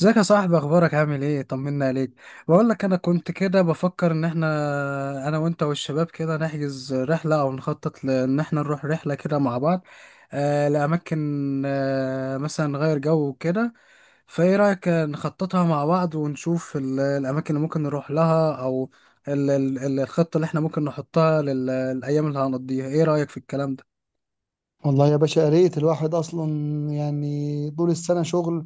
ازيك يا صاحبي؟ اخبارك؟ عامل ايه؟ طمنا عليك. بقول لك انا كنت كده بفكر ان احنا انا وانت والشباب كده نحجز رحله او نخطط لان احنا نروح رحله كده مع بعض. لاماكن، مثلا نغير جو وكده. فايه رايك نخططها مع بعض ونشوف الاماكن اللي ممكن نروح لها، او الخطه اللي احنا ممكن نحطها للايام اللي هنقضيها. ايه رايك في الكلام ده؟ والله يا باشا، يا ريت الواحد اصلا يعني طول السنه شغل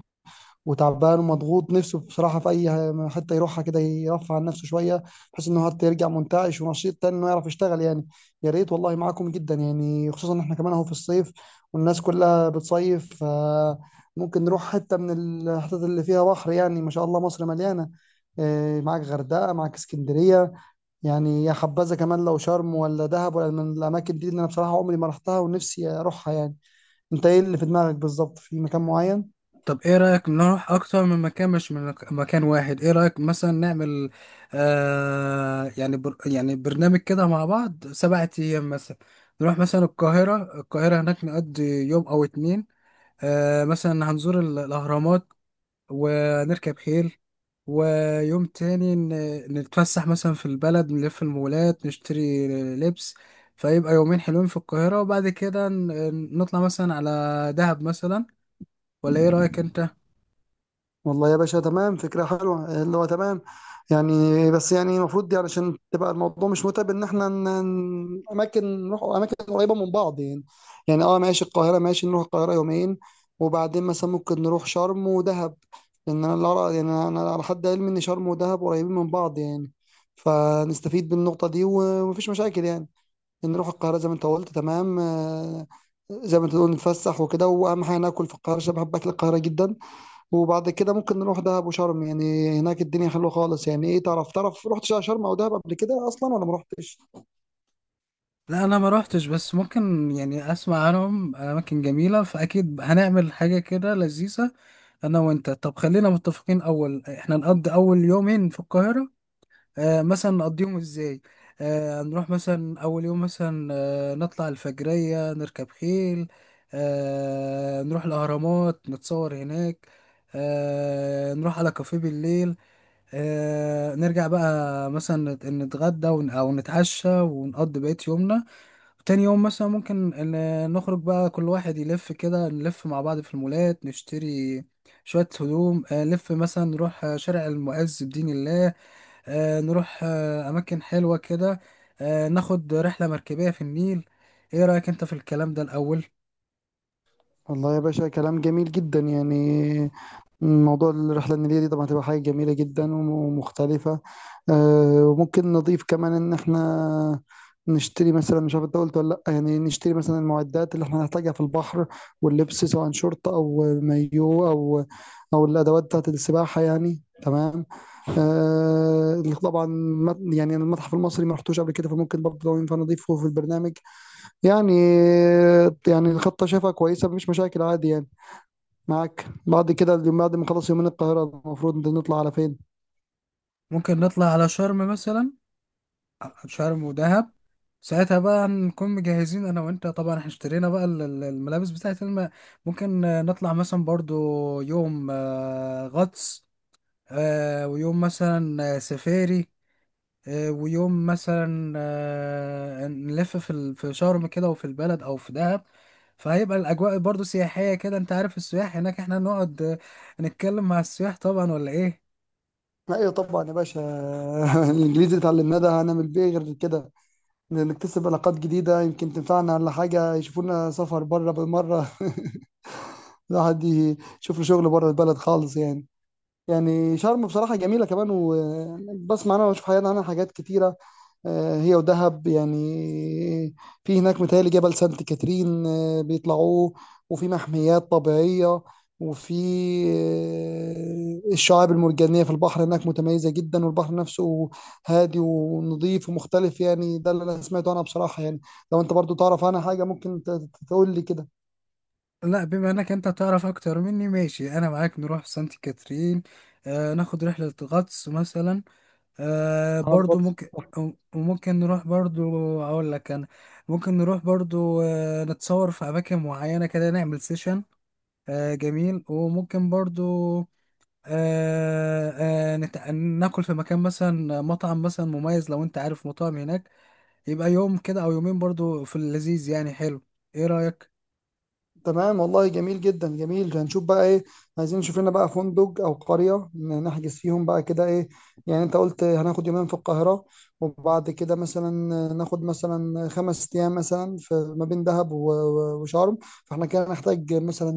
وتعبان ومضغوط نفسه بصراحه في اي حته يروحها كده يرفع عن نفسه شويه، بحيث انه حتى يرجع منتعش ونشيط تاني انه يعرف يشتغل يعني. يا ريت والله معاكم جدا يعني، خصوصا ان احنا كمان اهو في الصيف والناس كلها بتصيف، فممكن نروح حته من الحتت اللي فيها بحر. يعني ما شاء الله مصر مليانه، إيه، معاك غردقه معاك اسكندريه، يعني يا حبذا كمان لو شرم ولا دهب ولا من الاماكن دي اللي انا بصراحه عمري ما رحتها ونفسي اروحها يعني. انت ايه اللي في دماغك بالظبط؟ في مكان معين؟ طب ايه رأيك نروح اكتر من مكان، مش من مكان واحد؟ ايه رأيك مثلا نعمل، آه يعني بر يعني برنامج كده مع بعض 7 ايام مثلا. نروح مثلا القاهرة، القاهرة هناك نقضي يوم او اتنين. مثلا هنزور الاهرامات ونركب خيل. ويوم تاني نتفسح مثلا في البلد، نلف المولات، نشتري لبس. فيبقى يومين حلوين في القاهرة، وبعد كده نطلع مثلا على دهب مثلا. ولا ايه رأيك انت؟ والله يا باشا تمام، فكرة حلوة اللي هو تمام يعني. بس يعني المفروض يعني عشان تبقى الموضوع مش متعب ان احنا اماكن نروح اماكن قريبة من بعض يعني. يعني اه ماشي، القاهرة ماشي، نروح القاهرة يومين وبعدين مثلا ممكن نروح شرم ودهب، لان انا اللي يعني انا على حد علمي ان شرم ودهب قريبين من بعض يعني، فنستفيد بالنقطة دي ومفيش مشاكل يعني. نروح القاهرة زي ما انت قلت، تمام، آه، زي ما انت تقول نتفسح وكده، واهم حاجة ناكل في القاهرة عشان بحب اكل القاهرة جدا. وبعد كده ممكن نروح دهب وشرم، يعني هناك الدنيا حلوة خالص يعني. ايه، تعرف رحت شرم او دهب قبل كده اصلا ولا ما رحتش؟ لا انا ما روحتش، بس ممكن يعني اسمع عنهم اماكن جميله، فاكيد هنعمل حاجه كده لذيذه انا وانت. طب خلينا متفقين، اول احنا نقضي اول يومين في القاهره. مثلا نقضيهم ازاي؟ نروح مثلا اول يوم، مثلا نطلع الفجريه، نركب خيل. نروح الاهرامات، نتصور هناك. نروح على كافيه بالليل. نرجع بقى مثلا نتغدى او نتعشى ونقضي بقية يومنا. تاني يوم مثلا ممكن نخرج بقى، كل واحد يلف كده، نلف مع بعض في المولات، نشتري شوية هدوم. نلف مثلا، نروح شارع المعز بدين الله. نروح أماكن حلوة كده. ناخد رحلة مركبية في النيل. ايه رأيك انت في الكلام ده الأول؟ والله يا باشا كلام جميل جدا يعني. موضوع الرحلة النيلية دي طبعا هتبقى حاجة جميلة جدا ومختلفة. آه، وممكن نضيف كمان إن إحنا نشتري مثلا، مش عارف أنت قلت ولا لأ، يعني نشتري مثلا المعدات اللي إحنا هنحتاجها في البحر واللبس، سواء شورت أو مايو أو الأدوات بتاعة السباحة يعني، تمام. آه، طبعا يعني المتحف المصري ما رحتوش قبل كده، فممكن برضه لو ينفع نضيفه في البرنامج يعني. يعني الخطة شايفها كويسة، مفيش مشاكل، عادي يعني. معاك، بعد كده اليوم بعد ما خلص يومين القاهرة المفروض نطلع على فين؟ ممكن نطلع على شرم مثلا. شرم ودهب، ساعتها بقى نكون مجهزين انا وانت، طبعا احنا اشترينا بقى الملابس بتاعت ممكن نطلع مثلا برضو يوم غطس. ويوم مثلا سفاري. ويوم مثلا نلف في في شرم كده، وفي البلد او في دهب. فهيبقى الاجواء برضو سياحيه كده. انت عارف السياح هناك، احنا نقعد نتكلم مع السياح طبعا، ولا ايه؟ ايوه طبعا يا باشا. الانجليزي اتعلمناه ده هنعمل بيه إيه غير كده؟ نكتسب علاقات جديدة يمكن تنفعنا، ولا حاجة يشوفونا سفر بره بالمرة. الواحد يشوف له شغل بره البلد خالص يعني. يعني شرم بصراحة جميلة كمان، وبسمع انا واشوف حياتي عنها حاجات كتيرة. آه، هي ودهب يعني، في هناك متهيألي جبل سانت كاترين بيطلعوه، وفي محميات طبيعية، وفي الشعاب المرجانية في البحر هناك متميزة جدا، والبحر نفسه هادي ونظيف ومختلف. يعني ده اللي أنا سمعته أنا بصراحة يعني، لو أنت برضو تعرف عنها حاجة ممكن تقول لي كده. لا، بما انك انت تعرف اكتر مني، ماشي انا معاك نروح سانت كاترين. ناخد رحله غطس مثلا. اه، ده برضو برضه. ممكن. وممكن نروح برضو، اقول لك انا، ممكن نروح برضو نتصور في اماكن معينه كده، نعمل سيشن. جميل. وممكن برضو آه ناكل في مكان مثلا، مطعم مثلا مميز لو انت عارف مطاعم هناك. يبقى يوم كده او يومين برضو في اللذيذ، يعني حلو. ايه رأيك؟ تمام والله، جميل جدا جميل. هنشوف بقى ايه، عايزين نشوف لنا بقى فندق او قرية نحجز فيهم بقى كده. ايه يعني، انت قلت هناخد يومين في القاهرة وبعد كده مثلا ناخد مثلا 5 ايام مثلا في ما بين دهب وشرم. فاحنا كده نحتاج مثلا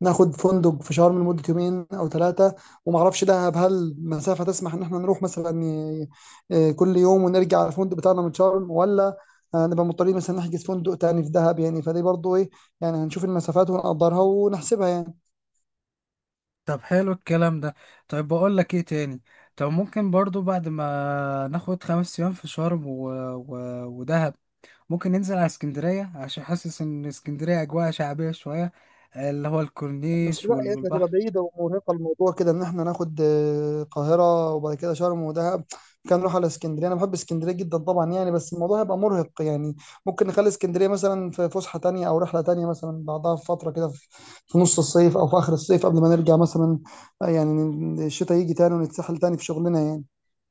ناخد فندق في شرم لمدة يومين أو ثلاثة، وما أعرفش دهب هل مسافة تسمح إن إحنا نروح مثلا كل يوم ونرجع على الفندق بتاعنا من شرم، ولا نبقى مضطرين مثلا نحجز فندق تاني في دهب يعني؟ فدي برضو إيه يعني. هنشوف المسافات ونقدرها ونحسبها يعني. طب حلو الكلام ده. طيب بقول لك ايه تاني، طب ممكن برضو بعد ما ناخد 5 ايام في شرم ودهب، ممكن ننزل على اسكندرية، عشان حاسس ان اسكندرية اجواء شعبية شوية، اللي هو بس الكورنيش لا يا اخي، هتبقى والبحر. بعيدة ومرهقة. الموضوع كده، ان احنا ناخد القاهرة وبعد كده شرم ودهب، كان نروح على اسكندرية. انا بحب اسكندرية جدا طبعا يعني، بس الموضوع هيبقى مرهق يعني. ممكن نخلي اسكندرية مثلا في فسحة تانية او رحلة تانية مثلا بعدها بفترة كده، في نص الصيف او في اخر الصيف قبل ما نرجع مثلا، يعني الشتاء يجي تاني ونتسحل تاني في شغلنا يعني.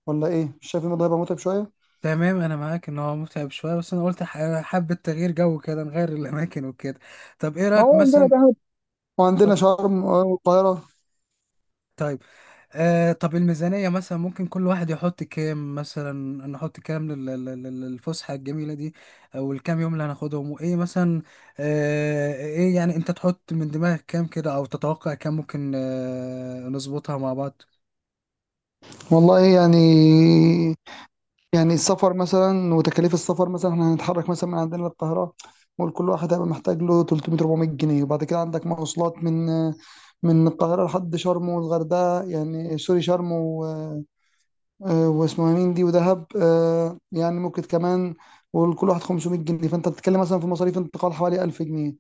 ولا ايه، مش شايف الموضوع هيبقى متعب شوية؟ تمام انا معاك ان هو متعب شويه، بس انا قلت حابه تغيير جو كده، نغير الاماكن وكده. طب ايه ما رايك هو عندنا مثلا؟ دهب وعندنا اتفضل. شرم، والقاهرة. طيب، طب الميزانيه مثلا ممكن كل واحد يحط كام مثلا؟ نحط كام للفسحه الجميله دي؟ او الكام يوم اللي هناخدهم، وايه مثلا؟ ايه يعني، انت تحط من دماغك كام كده، او تتوقع كام ممكن، نظبطها مع بعض. والله يعني، يعني السفر مثلا وتكاليف السفر مثلا، احنا هنتحرك مثلا من عندنا للقاهرة، قول كل واحد هيبقى محتاج له 300 400 جنيه. وبعد كده عندك مواصلات من القاهرة لحد شرم والغردقة، يعني سوري شرم و... واسمها مين دي ودهب، آه، يعني ممكن كمان قول كل واحد 500 جنيه. فانت بتتكلم مثلا في مصاريف انتقال حوالي 1000 جنيه،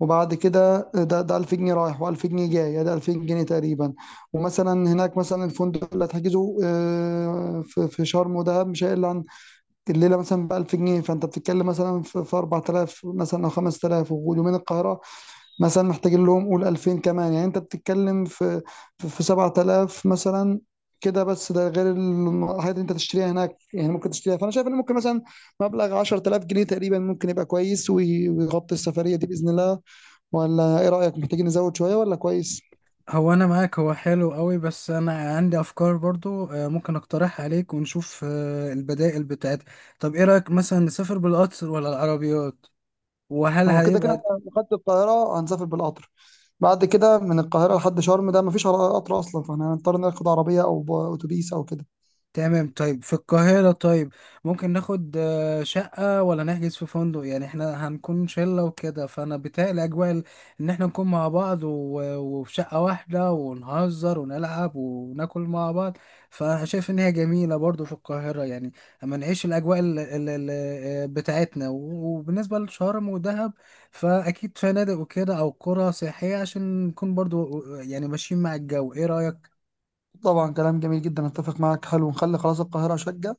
وبعد كده ده 2000 جنيه رايح و2000 جنيه جاي، يعني ده 2000 جنيه تقريبا. ومثلا هناك مثلا الفندق اللي هتحجزه، في شرم ودهب مش هيقل عن الليله مثلا ب 1000 جنيه، فانت بتتكلم مثلا في 4000 مثلا او 5000، واليومين القاهره مثلا محتاجين لهم قول 2000 كمان. يعني انت بتتكلم في 7000 مثلا، كده بس ده غير الحاجات اللي انت تشتريها هناك، يعني ممكن تشتريها. فانا شايف ان ممكن مثلا مبلغ 10000 جنيه تقريبا ممكن يبقى كويس ويغطي السفريه دي باذن الله. ولا ايه رايك، محتاجين نزود شويه ولا كويس؟ هو انا معاك، هو حلو قوي، بس انا عندي افكار برضو، ممكن اقترحها عليك ونشوف البدائل بتاعتها. طب ايه رايك مثلا نسافر بالقطر ولا العربيات؟ وهل هو كده كده هيبقى إحنا لو خدت القاهرة هنسافر بالقطر، بعد كده من القاهرة لحد شرم ده مفيش قطر أصلا، فاحنا هنضطر ناخد عربية أو أتوبيس أو كده. تمام؟ طيب في القاهرة، طيب ممكن ناخد شقة، ولا نحجز في فندق؟ يعني احنا هنكون شلة وكده، فأنا بيتهيألي أجواء إن احنا نكون مع بعض وفي شقة واحدة، ونهزر ونلعب وناكل مع بعض. فأنا شايف إن هي جميلة برضو في القاهرة يعني، أما نعيش الأجواء بتاعتنا. وبالنسبة لشرم ودهب، فأكيد فنادق وكده، أو قرى سياحية، عشان نكون برضو، يعني ماشيين مع الجو. إيه رأيك؟ طبعا كلام جميل جدا، أتفق معاك. حلو، نخلي خلاص القاهرة شقة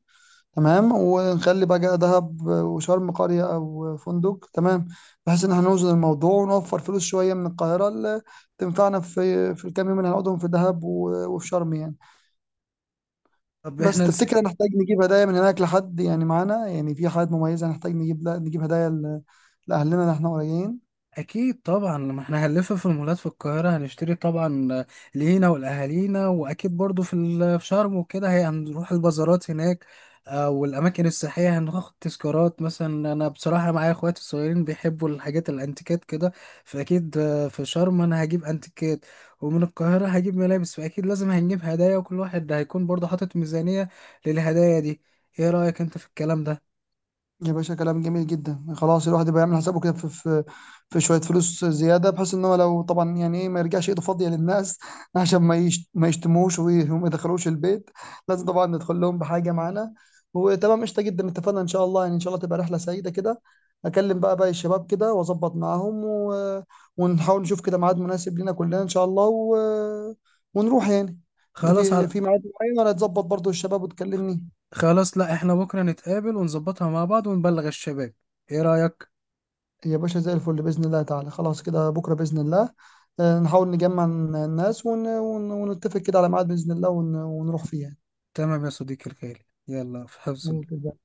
تمام، ونخلي بقى دهب وشرم قرية أو فندق، تمام. بحيث إن احنا نوزن الموضوع ونوفر فلوس شوية من القاهرة، اللي تنفعنا في الكام يوم اللي هنقعدهم في دهب وفي شرم يعني. طب بس احنا تفتكر هنحتاج نجيب هدايا من هناك لحد يعني معانا؟ يعني في حاجات مميزة هنحتاج نجيب، لا نجيب هدايا لأهلنا اللي احنا قريبين. اكيد طبعا لما احنا هنلف في المولات في القاهره هنشتري طبعا لينا والاهالينا، واكيد برضو في في شرم وكده، هي هنروح البازارات هناك، والاماكن السياحيه، هناخد تذكارات مثلا. انا بصراحه معايا اخواتي الصغيرين بيحبوا الحاجات الانتيكات كده، فاكيد في شرم انا هجيب انتيكات، ومن القاهره هجيب ملابس. فاكيد لازم هنجيب هدايا، وكل واحد هيكون برضو حاطط ميزانيه للهدايا دي. ايه رايك انت في الكلام ده؟ يا باشا كلام جميل جدا خلاص، الواحد يبقى يعمل حسابه كده في شويه فلوس زياده، بحيث ان هو لو طبعا يعني ايه ما يرجعش ايده فاضيه للناس. عشان ما يشتموش وما يدخلوش البيت، لازم طبعا ندخل لهم بحاجه معانا. وتمام، قشطه جدا، اتفقنا ان شاء الله. يعني ان شاء الله تبقى رحله سعيده كده. اكلم بقى باقي الشباب كده واظبط معاهم و... ونحاول نشوف كده ميعاد مناسب لينا كلنا ان شاء الله و... ونروح يعني. انت خلاص. في ميعاد معين، ولا تظبط برضو الشباب وتكلمني؟ خلاص، لا احنا بكرة نتقابل ونظبطها مع بعض ونبلغ الشباب. ايه رأيك؟ يا باشا زي الفل بإذن الله تعالى. خلاص كده بكرة بإذن الله نحاول نجمع الناس ون... ون... ونتفق كده على ميعاد بإذن الله، ون... ونروح فيه يعني. تمام يا صديقي الغالي، يلا في حفظ الله. ممكن